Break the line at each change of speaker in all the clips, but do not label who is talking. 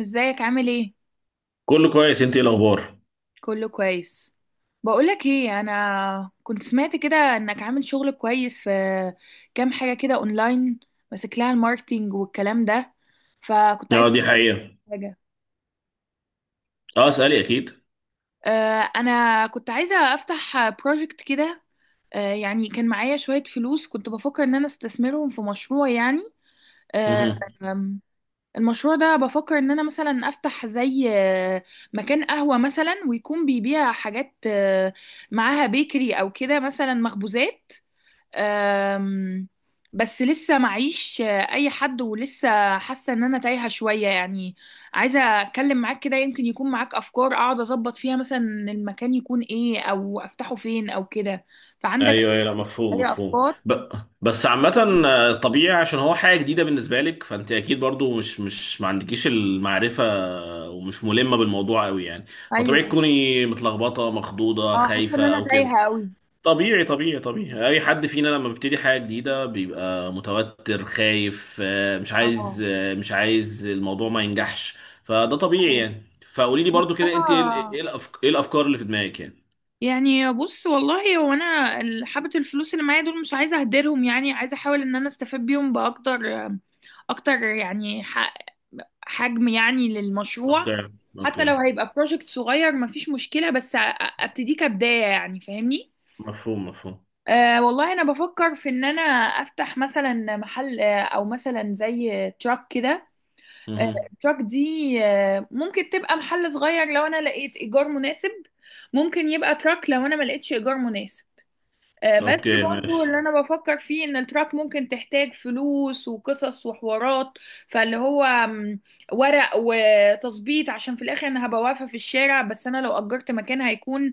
ازيك، عامل ايه؟
كله كويس، انت ايه الاخبار؟
كله كويس. بقولك ايه، انا كنت سمعت كده انك عامل شغل كويس في كام حاجه كده اونلاين، ماسك لها الماركتينج والكلام ده. فكنت
اه،
عايزه
دي حقيقة.
أعرف حاجه.
اه، اسألي اكيد.
انا كنت عايزه افتح بروجكت كده. يعني كان معايا شويه فلوس، كنت بفكر ان انا استثمرهم في مشروع يعني. آه،
مهم.
المشروع ده بفكر ان انا مثلا افتح زي مكان قهوة مثلا، ويكون بيبيع حاجات معاها بيكري او كده مثلا مخبوزات. آم، بس لسه معيش اي حد، ولسه حاسة ان انا تايهة شوية يعني. عايزة اتكلم معاك كده، يمكن يكون معاك افكار اقعد اظبط فيها، مثلا المكان يكون ايه او افتحه فين او كده. فعندك
ايوه ايوه، لا، مفهوم
اي
مفهوم.
افكار؟
بس عامة، طبيعي عشان هو حاجة جديدة بالنسبة لك، فانت اكيد برضو مش ما عندكيش المعرفة، ومش ملمة بالموضوع قوي يعني. فطبيعي
ايوه.
تكوني متلخبطة مخضوضة
اه، حاسة ان
خايفة
انا
او كده.
تايهة قوي.
طبيعي طبيعي طبيعي، اي حد فينا لما بيبتدي حاجه جديده بيبقى متوتر خايف، مش عايز،
اه.
مش عايز الموضوع ما ينجحش. فده طبيعي
أيوة.
يعني. فقولي لي برضو
بصراحة،
كده، انت ايه ايه الافكار اللي في دماغك يعني؟
يعني بص والله، هو انا حبة الفلوس اللي معايا دول مش عايزة اهدرهم، يعني عايزة احاول ان انا استفاد بيهم باكتر اكتر، يعني حجم يعني للمشروع.
اوكي.
حتى لو
اوكي.
هيبقى بروجكت صغير مفيش مشكلة، بس ابتديه كبداية، يعني فاهمني.
مفهوم مفهوم.
والله انا بفكر في ان انا افتح مثلا محل، او مثلا زي تراك كده. آه،
مهم.
التراك دي ممكن تبقى محل صغير لو انا لقيت ايجار مناسب، ممكن يبقى تراك لو انا ما لقيتش ايجار مناسب. بس
اوكي
برضو اللي
ماشي.
انا بفكر فيه ان التراك ممكن تحتاج فلوس وقصص وحوارات، فاللي هو ورق وتظبيط، عشان في الاخر انا هبقى واقفة في الشارع، بس انا لو اجرت مكان هيكون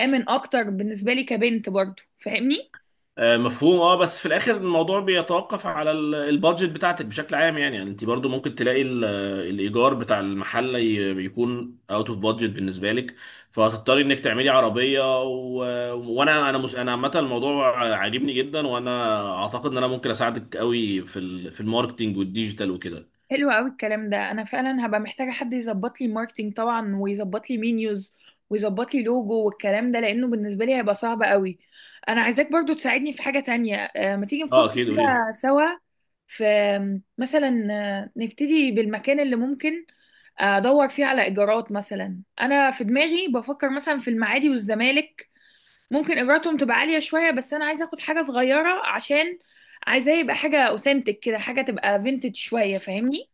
امن اكتر بالنسبة لي كبنت، برضو فاهمني.
مفهوم. اه، بس في الاخر الموضوع بيتوقف على البادجت بتاعتك بشكل عام يعني. يعني انت برضو ممكن تلاقي الايجار بتاع المحل بيكون اوت اوف بادجت بالنسبه لك، فهتضطري انك تعملي عربيه وانا انا مش انا عامه الموضوع عاجبني جدا، وانا اعتقد ان انا ممكن اساعدك قوي في الماركتينج والديجيتال وكده.
حلو قوي الكلام ده، انا فعلا هبقى محتاجه حد يظبط لي ماركتينج طبعا، ويظبط لي مينيوز ويظبط لي لوجو والكلام ده، لانه بالنسبه لي هيبقى صعب قوي. انا عايزاك برضو تساعدني في حاجه تانية، ما تيجي نفكر
اه اكيد، قولي لي.
كده سوا في مثلا نبتدي بالمكان اللي ممكن ادور فيه على ايجارات، مثلا انا في دماغي بفكر مثلا في المعادي والزمالك. ممكن ايجاراتهم تبقى عاليه شويه، بس انا عايزه اخد حاجه صغيره، عشان عايزاه يبقى حاجه اوثنتك كده، حاجه تبقى فينتج شويه، فاهمني؟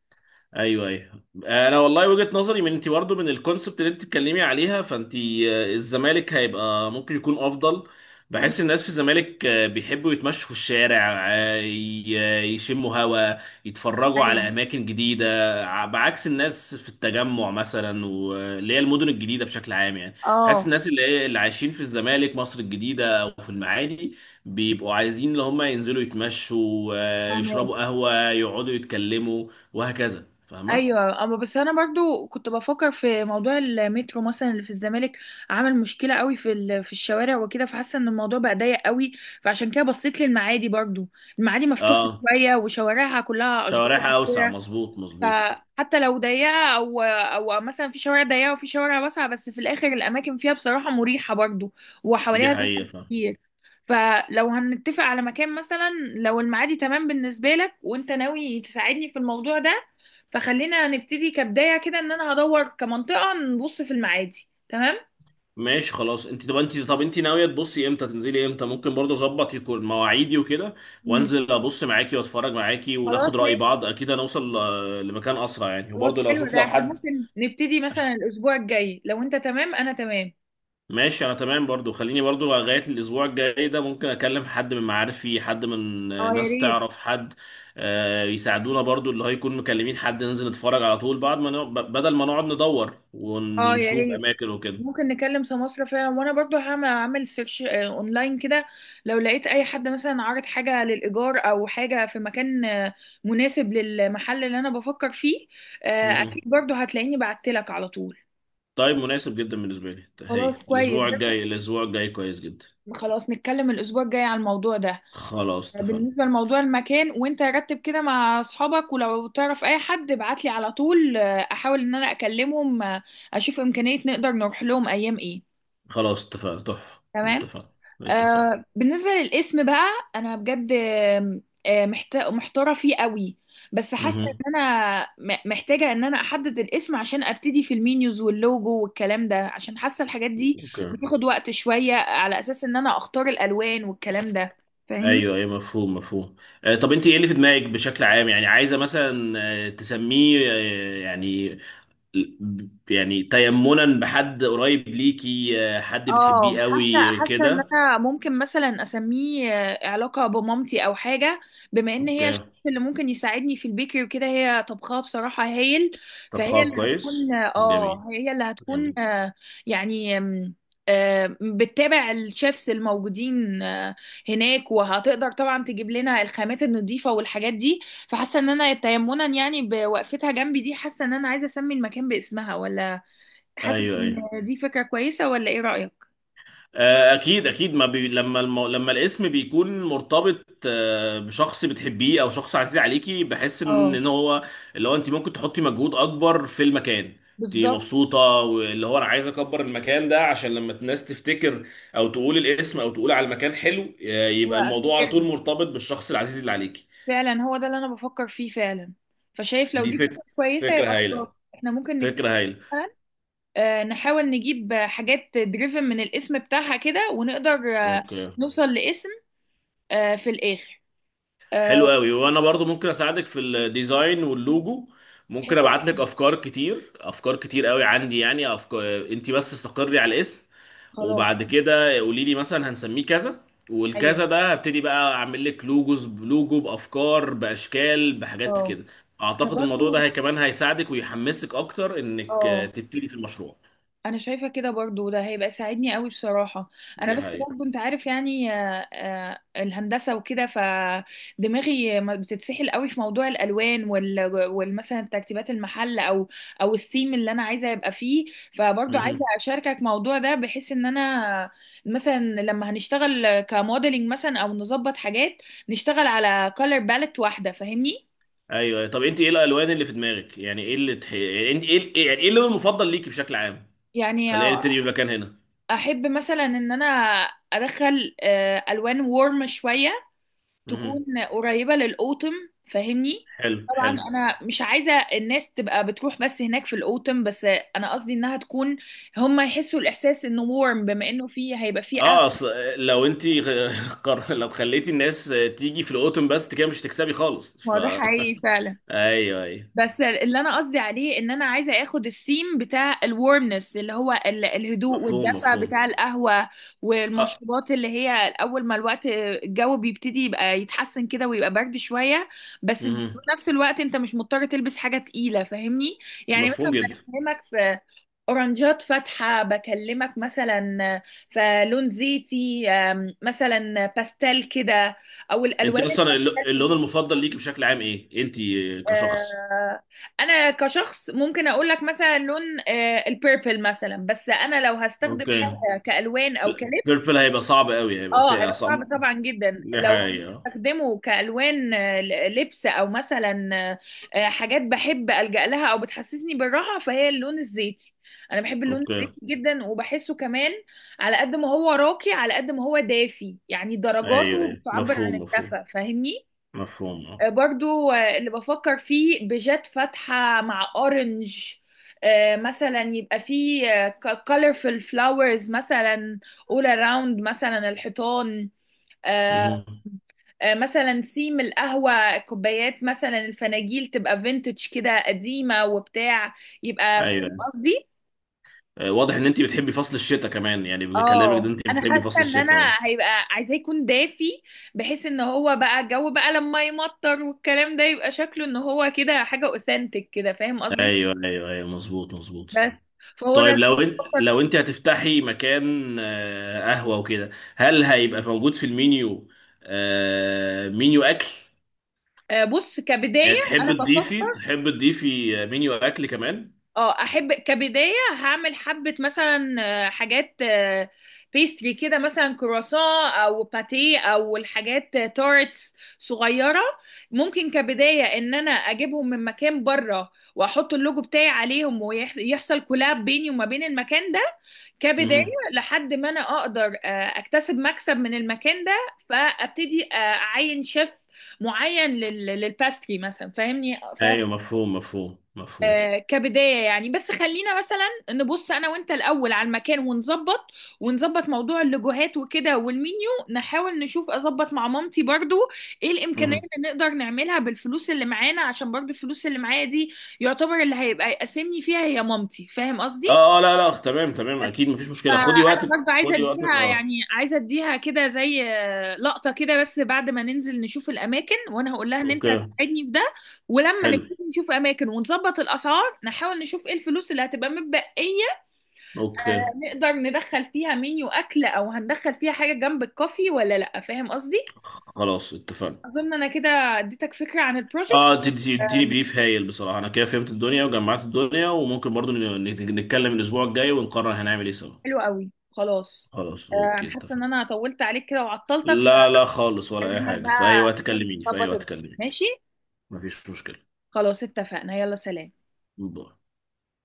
ايوه ايوه، انا والله وجهة نظري، من انت برضه، من الكونسبت اللي انت بتتكلمي عليها، فانت الزمالك هيبقى ممكن يكون افضل. بحس الناس في الزمالك بيحبوا يتمشوا في الشارع، يشموا هوا، يتفرجوا على
ايوه.
اماكن جديده، بعكس الناس في التجمع مثلا، واللي هي المدن الجديده بشكل عام يعني. بحس
اه.
الناس اللي هي اللي عايشين في الزمالك، مصر الجديده، او في المعادي بيبقوا عايزين اللي هم ينزلوا يتمشوا،
فاهمة؟
يشربوا قهوه، يقعدوا يتكلموا وهكذا. فاهمة؟
ايوه، اما بس انا برضو كنت بفكر في موضوع المترو مثلا اللي في الزمالك، عامل مشكله قوي في في الشوارع وكده، فحاسه ان الموضوع بقى ضيق قوي. فعشان كده بصيت للمعادي برضو. المعادي مفتوحه
اه،
شويه وشوارعها كلها اشجار
شوارعها اوسع،
وكده،
مظبوط مظبوط.
فحتى لو ضيقة أو مثلا في شوارع ضيقة وفي شوارع واسعة، بس في الآخر الأماكن فيها بصراحة مريحة برضو،
دي
وحواليها
حقيقة،
زحمة
فاهم.
كتير. فلو هنتفق على مكان مثلا، لو المعادي تمام بالنسبة لك وأنت ناوي تساعدني في الموضوع ده، فخلينا نبتدي كبداية كده، إن أنا هدور كمنطقة نبص في المعادي، تمام؟
ماشي خلاص. انت ناوية تبصي امتى، تنزلي امتى؟ ممكن برضه اظبط يكون مواعيدي وكده،
مم.
وانزل ابص معاكي واتفرج معاكي وناخد
خلاص
رأي
ماشي.
بعض، اكيد هنوصل لمكان اسرع يعني،
خلاص
وبرضه لو
حلو
اشوف
ده،
لو
احنا
حد.
ممكن نبتدي مثلا الأسبوع الجاي لو أنت تمام أنا تمام.
ماشي، انا تمام برضو. خليني برضو لغاية الاسبوع الجاي ده ممكن اكلم حد من معارفي، حد من
اه يا
ناس
ريت.
تعرف حد يساعدونا برضو، اللي هيكون مكلمين حد ننزل نتفرج على طول، بعد ما بدل ما نقعد ندور
اه يا
ونشوف
ريت.
اماكن وكده.
ممكن نكلم سماسرة فعلا، وانا برضو اعمل سيرش اونلاين كده. لو لقيت اي حد مثلا عارض حاجة للايجار او حاجة في مكان مناسب للمحل اللي انا بفكر فيه،
مهم.
اكيد برضو هتلاقيني بعتلك على طول.
طيب، مناسب جدا بالنسبة لي، هايل.
خلاص كويس ده.
الاسبوع الجاي كويس جدا.
خلاص نتكلم الاسبوع الجاي على الموضوع ده.
خلاص اتفقنا.
بالنسبة لموضوع المكان، وانت رتب كده مع اصحابك، ولو تعرف اي حد ابعتلي على طول، احاول ان انا اكلمهم، اشوف امكانية نقدر نروح لهم ايام ايه.
خلاص اتفقنا تحفة،
تمام.
اتفقنا. اتفقنا.
بالنسبة للاسم بقى. أنا بجد محتارة فيه قوي. بس حاسة
مهم.
إن أنا محتاجة إن أنا أحدد الاسم، عشان أبتدي في المينيوز واللوجو والكلام ده، عشان حاسة الحاجات دي
اوكي.
بتاخد وقت شوية، على أساس إن أنا أختار الألوان والكلام ده، فاهمني؟
ايوه ايوه، مفهوم مفهوم. طب انت ايه اللي في دماغك بشكل عام يعني؟ عايزه مثلا تسميه، يعني يعني تيمنا بحد قريب ليكي، حد
اه،
بتحبيه
حاسه
قوي
حاسه ان
كده؟
انا ممكن مثلا اسميه علاقه بمامتي او حاجه، بما ان هي
اوكي.
الشخص اللي ممكن يساعدني في البيكري وكده، هي طبخها بصراحه هايل.
طب
فهي اللي
خلاص،
هتكون،
كويس، جميل.
اه، هي اللي هتكون،
جميل.
يعني بتتابع الشيفs الموجودين هناك، وهتقدر طبعا تجيب لنا الخامات النظيفه والحاجات دي. فحاسه ان انا تيمنا يعني بوقفتها جنبي دي، حاسه ان انا عايزه اسمي المكان باسمها، ولا حاسه
ايوه
ان
ايوه.
دي فكره كويسه، ولا ايه رايك؟
اكيد اكيد. ما بي... لما المو... لما الاسم بيكون مرتبط بشخص بتحبيه او شخص عزيز عليكي، بحس ان
اه،
هو اللي هو انت ممكن تحطي مجهود اكبر في المكان، انت
بالظبط.
مبسوطه، واللي هو انا عايز اكبر المكان ده عشان لما الناس تفتكر او تقول الاسم او تقول على المكان حلو، يبقى الموضوع على طول
وافتكرها
مرتبط بالشخص العزيز اللي عليكي.
فعلا. هو ده اللي انا بفكر فيه فعلا. فشايف لو
دي
دي
فكره.
فكرة كويسة
فكره
يبقى خلاص.
هايله.
احنا ممكن نتفق
فكره هايله.
مثلا، نحاول نجيب حاجات دريفن من الاسم بتاعها كده، ونقدر
اوكي.
نوصل لاسم في الاخر. آه،
حلو قوي، وانا برضو ممكن اساعدك في الديزاين واللوجو. ممكن
حلو
ابعت لك
أوي.
افكار كتير، افكار كتير قوي عندي يعني افكار. انت بس استقري على الاسم،
خلاص.
وبعد كده قولي لي مثلا هنسميه كذا،
ايوه.
والكذا ده هبتدي بقى اعمل لك لوجوز، بلوجو، بافكار، باشكال، بحاجات
اه،
كده.
انا
اعتقد الموضوع ده
برضو.
هي كمان هيساعدك ويحمسك اكتر انك
اه،
تبتدي في المشروع.
انا شايفه كده برضو، ده هيبقى ساعدني قوي بصراحه. انا
دي
بس
حقيقة.
برضو، انت عارف يعني، الهندسه وكده، فدماغي ما بتتسحل قوي في موضوع الالوان والمثلا ترتيبات المحل او الثيم اللي انا عايزه يبقى فيه. فبرضو عايزه
مهم.
اشاركك موضوع ده، بحيث ان انا مثلا لما هنشتغل كموديلنج مثلا او نظبط حاجات، نشتغل على كولر باليت واحده، فاهمني.
ايوه. طب، انت ايه الالوان اللي في دماغك يعني؟ ايه اللي يعني يعني ايه اللون المفضل ليكي بشكل عام؟
يعني
خلينا نبتدي بمكان هنا.
احب مثلا ان انا ادخل الوان وورم شويه، تكون
مهم.
قريبة للأوتم، فاهمني.
حلو
طبعا
حلو.
انا مش عايزة الناس تبقى بتروح بس هناك في الأوتم، بس انا قصدي انها تكون، هم يحسوا الاحساس انه warm، بما انه فيه هيبقى فيه
اه
اغلى.
اصل، لو انت لو خليتي الناس تيجي في الاوتوم بس، انت كده مش هتكسبي خالص. ف
هو ده حقيقي فعلا.
ايوه ايوه،
بس اللي انا قصدي عليه، ان انا عايزه اخد الثيم بتاع الورمنس، اللي هو الهدوء
مفهوم
والدفى
مفهوم
بتاع القهوه
اه.
والمشروبات، اللي هي اول ما الوقت الجو بيبتدي يبقى يتحسن كده ويبقى برد شويه، بس في
مهم.
نفس الوقت انت مش مضطر تلبس حاجه تقيله، فاهمني. يعني مثلا
مفهوم جدا.
بكلمك في اورنجات فاتحه، بكلمك مثلا في لون زيتي مثلا باستيل كده، او
انت
الالوان.
اصلا اللون المفضل ليك بشكل عام ايه، انت كشخص؟
آه، انا كشخص ممكن اقول لك مثلا لون البيربل مثلا، بس انا لو هستخدم
اوكي.
حاجه كالوان او كلبس،
بيربل هيبقى صعب قوي، هيبقى
اه
ساقع
هيبقى
صعب
صعب طبعا جدا لو
نهاية.
هستخدمه كالوان لبس، او مثلا حاجات بحب الجا لها او بتحسسني بالراحه، فهي اللون الزيتي. انا بحب اللون
اوكي.
الزيتي جدا وبحسه كمان، على قد ما هو راقي على قد ما هو دافي، يعني
ايوه
درجاته
ايوه،
بتعبر عن
مفهوم مفهوم
الدفى، فاهمني.
مفهوم اه.
برضو اللي بفكر فيه بيجات فاتحة مع اورنج، مثلا يبقى فيه colorful flowers مثلا all around مثلا الحيطان. آه،
مهم.
مثلا سيم القهوة كوبايات، مثلا الفناجيل تبقى vintage كده قديمة وبتاع، يبقى فاهم
ايوه.
قصدي.
واضح ان انت بتحبي فصل الشتاء كمان يعني، بكلامك ده
اه،
انت
انا
بتحبي
حاسه
فصل
ان انا
الشتاء. اه.
هيبقى عايزاه يكون دافي، بحيث ان هو بقى الجو بقى لما يمطر والكلام ده، يبقى شكله ان هو كده حاجه اوثنتك كده، فاهم قصدي.
ايوه ايوه ايوه، مظبوط مظبوط.
بس، فهو ده اللي
طيب،
أنا بفكر
لو انت
فيه.
هتفتحي مكان قهوة وكده، هل هيبقى موجود في المينيو مينيو اكل
بص كبدايه.
يعني؟ تحب
انا
تضيفي
بفكر،
تحب تضيفي مينيو اكل كمان؟
اه احب كبدايه، هعمل حبه مثلا حاجات بيستري كده، مثلا كرواسون او باتيه او الحاجات، تارتس صغيره. ممكن كبدايه ان انا اجيبهم من مكان بره، واحط اللوجو بتاعي عليهم، ويحصل كولاب بيني وما بين المكان ده كبدايه،
مهم.
لحد ما انا اقدر اكتسب مكسب من المكان ده، فابتدي اعين شيف معين للباستري مثلا، فاهمني فاهم.
ايوه مفهوم مفهوم مفهوم.
كبداية يعني، بس خلينا مثلا نبص أنا وأنت الأول على المكان ونظبط موضوع اللوجوهات وكده والمنيو، نحاول نشوف أظبط مع مامتي برضو إيه الإمكانيات
مهم.
اللي نقدر نعملها بالفلوس اللي معانا، عشان برضو الفلوس اللي معايا دي يعتبر اللي هيبقى يقسمني فيها هي مامتي، فاهم قصدي؟
اه اه، لا لا، تمام تمام، اكيد مفيش مشكلة.
فانا
خدي وقتك
برضو عايزه
خدي وقتك
اديها، يعني
اه.
عايزه اديها كده زي لقطه كده، بس بعد ما ننزل نشوف الاماكن وانا هقول لها ان انت
اوكي.
هتساعدني في ده. ولما
حلو.
نبتدي نشوف اماكن ونظبط الاسعار، نحاول نشوف ايه الفلوس اللي هتبقى متبقيه،
اوكي.
آه، نقدر ندخل فيها منيو اكل، او هندخل فيها حاجه جنب الكوفي ولا لا، فاهم قصدي.
خلاص اتفقنا.
اظن انا كده اديتك فكره عن البروجكت.
اه، اديني
آم،
بريف هايل بصراحه، انا كده فهمت الدنيا وجمعت الدنيا، وممكن برضو نتكلم الاسبوع الجاي ونقرر هنعمل ايه سوا.
حلو قوي، خلاص.
خلاص اوكي
انا حاسه ان
اتفقنا.
انا طولت عليك كده وعطلتك.
لا لا خالص، ولا اي
فاكلمك
حاجه، في
بقى،
اي وقت كلميني، في اي
نظبط
وقت
الدنيا.
كلميني.
ماشي.
مفيش مشكله.
خلاص اتفقنا، يلا سلام.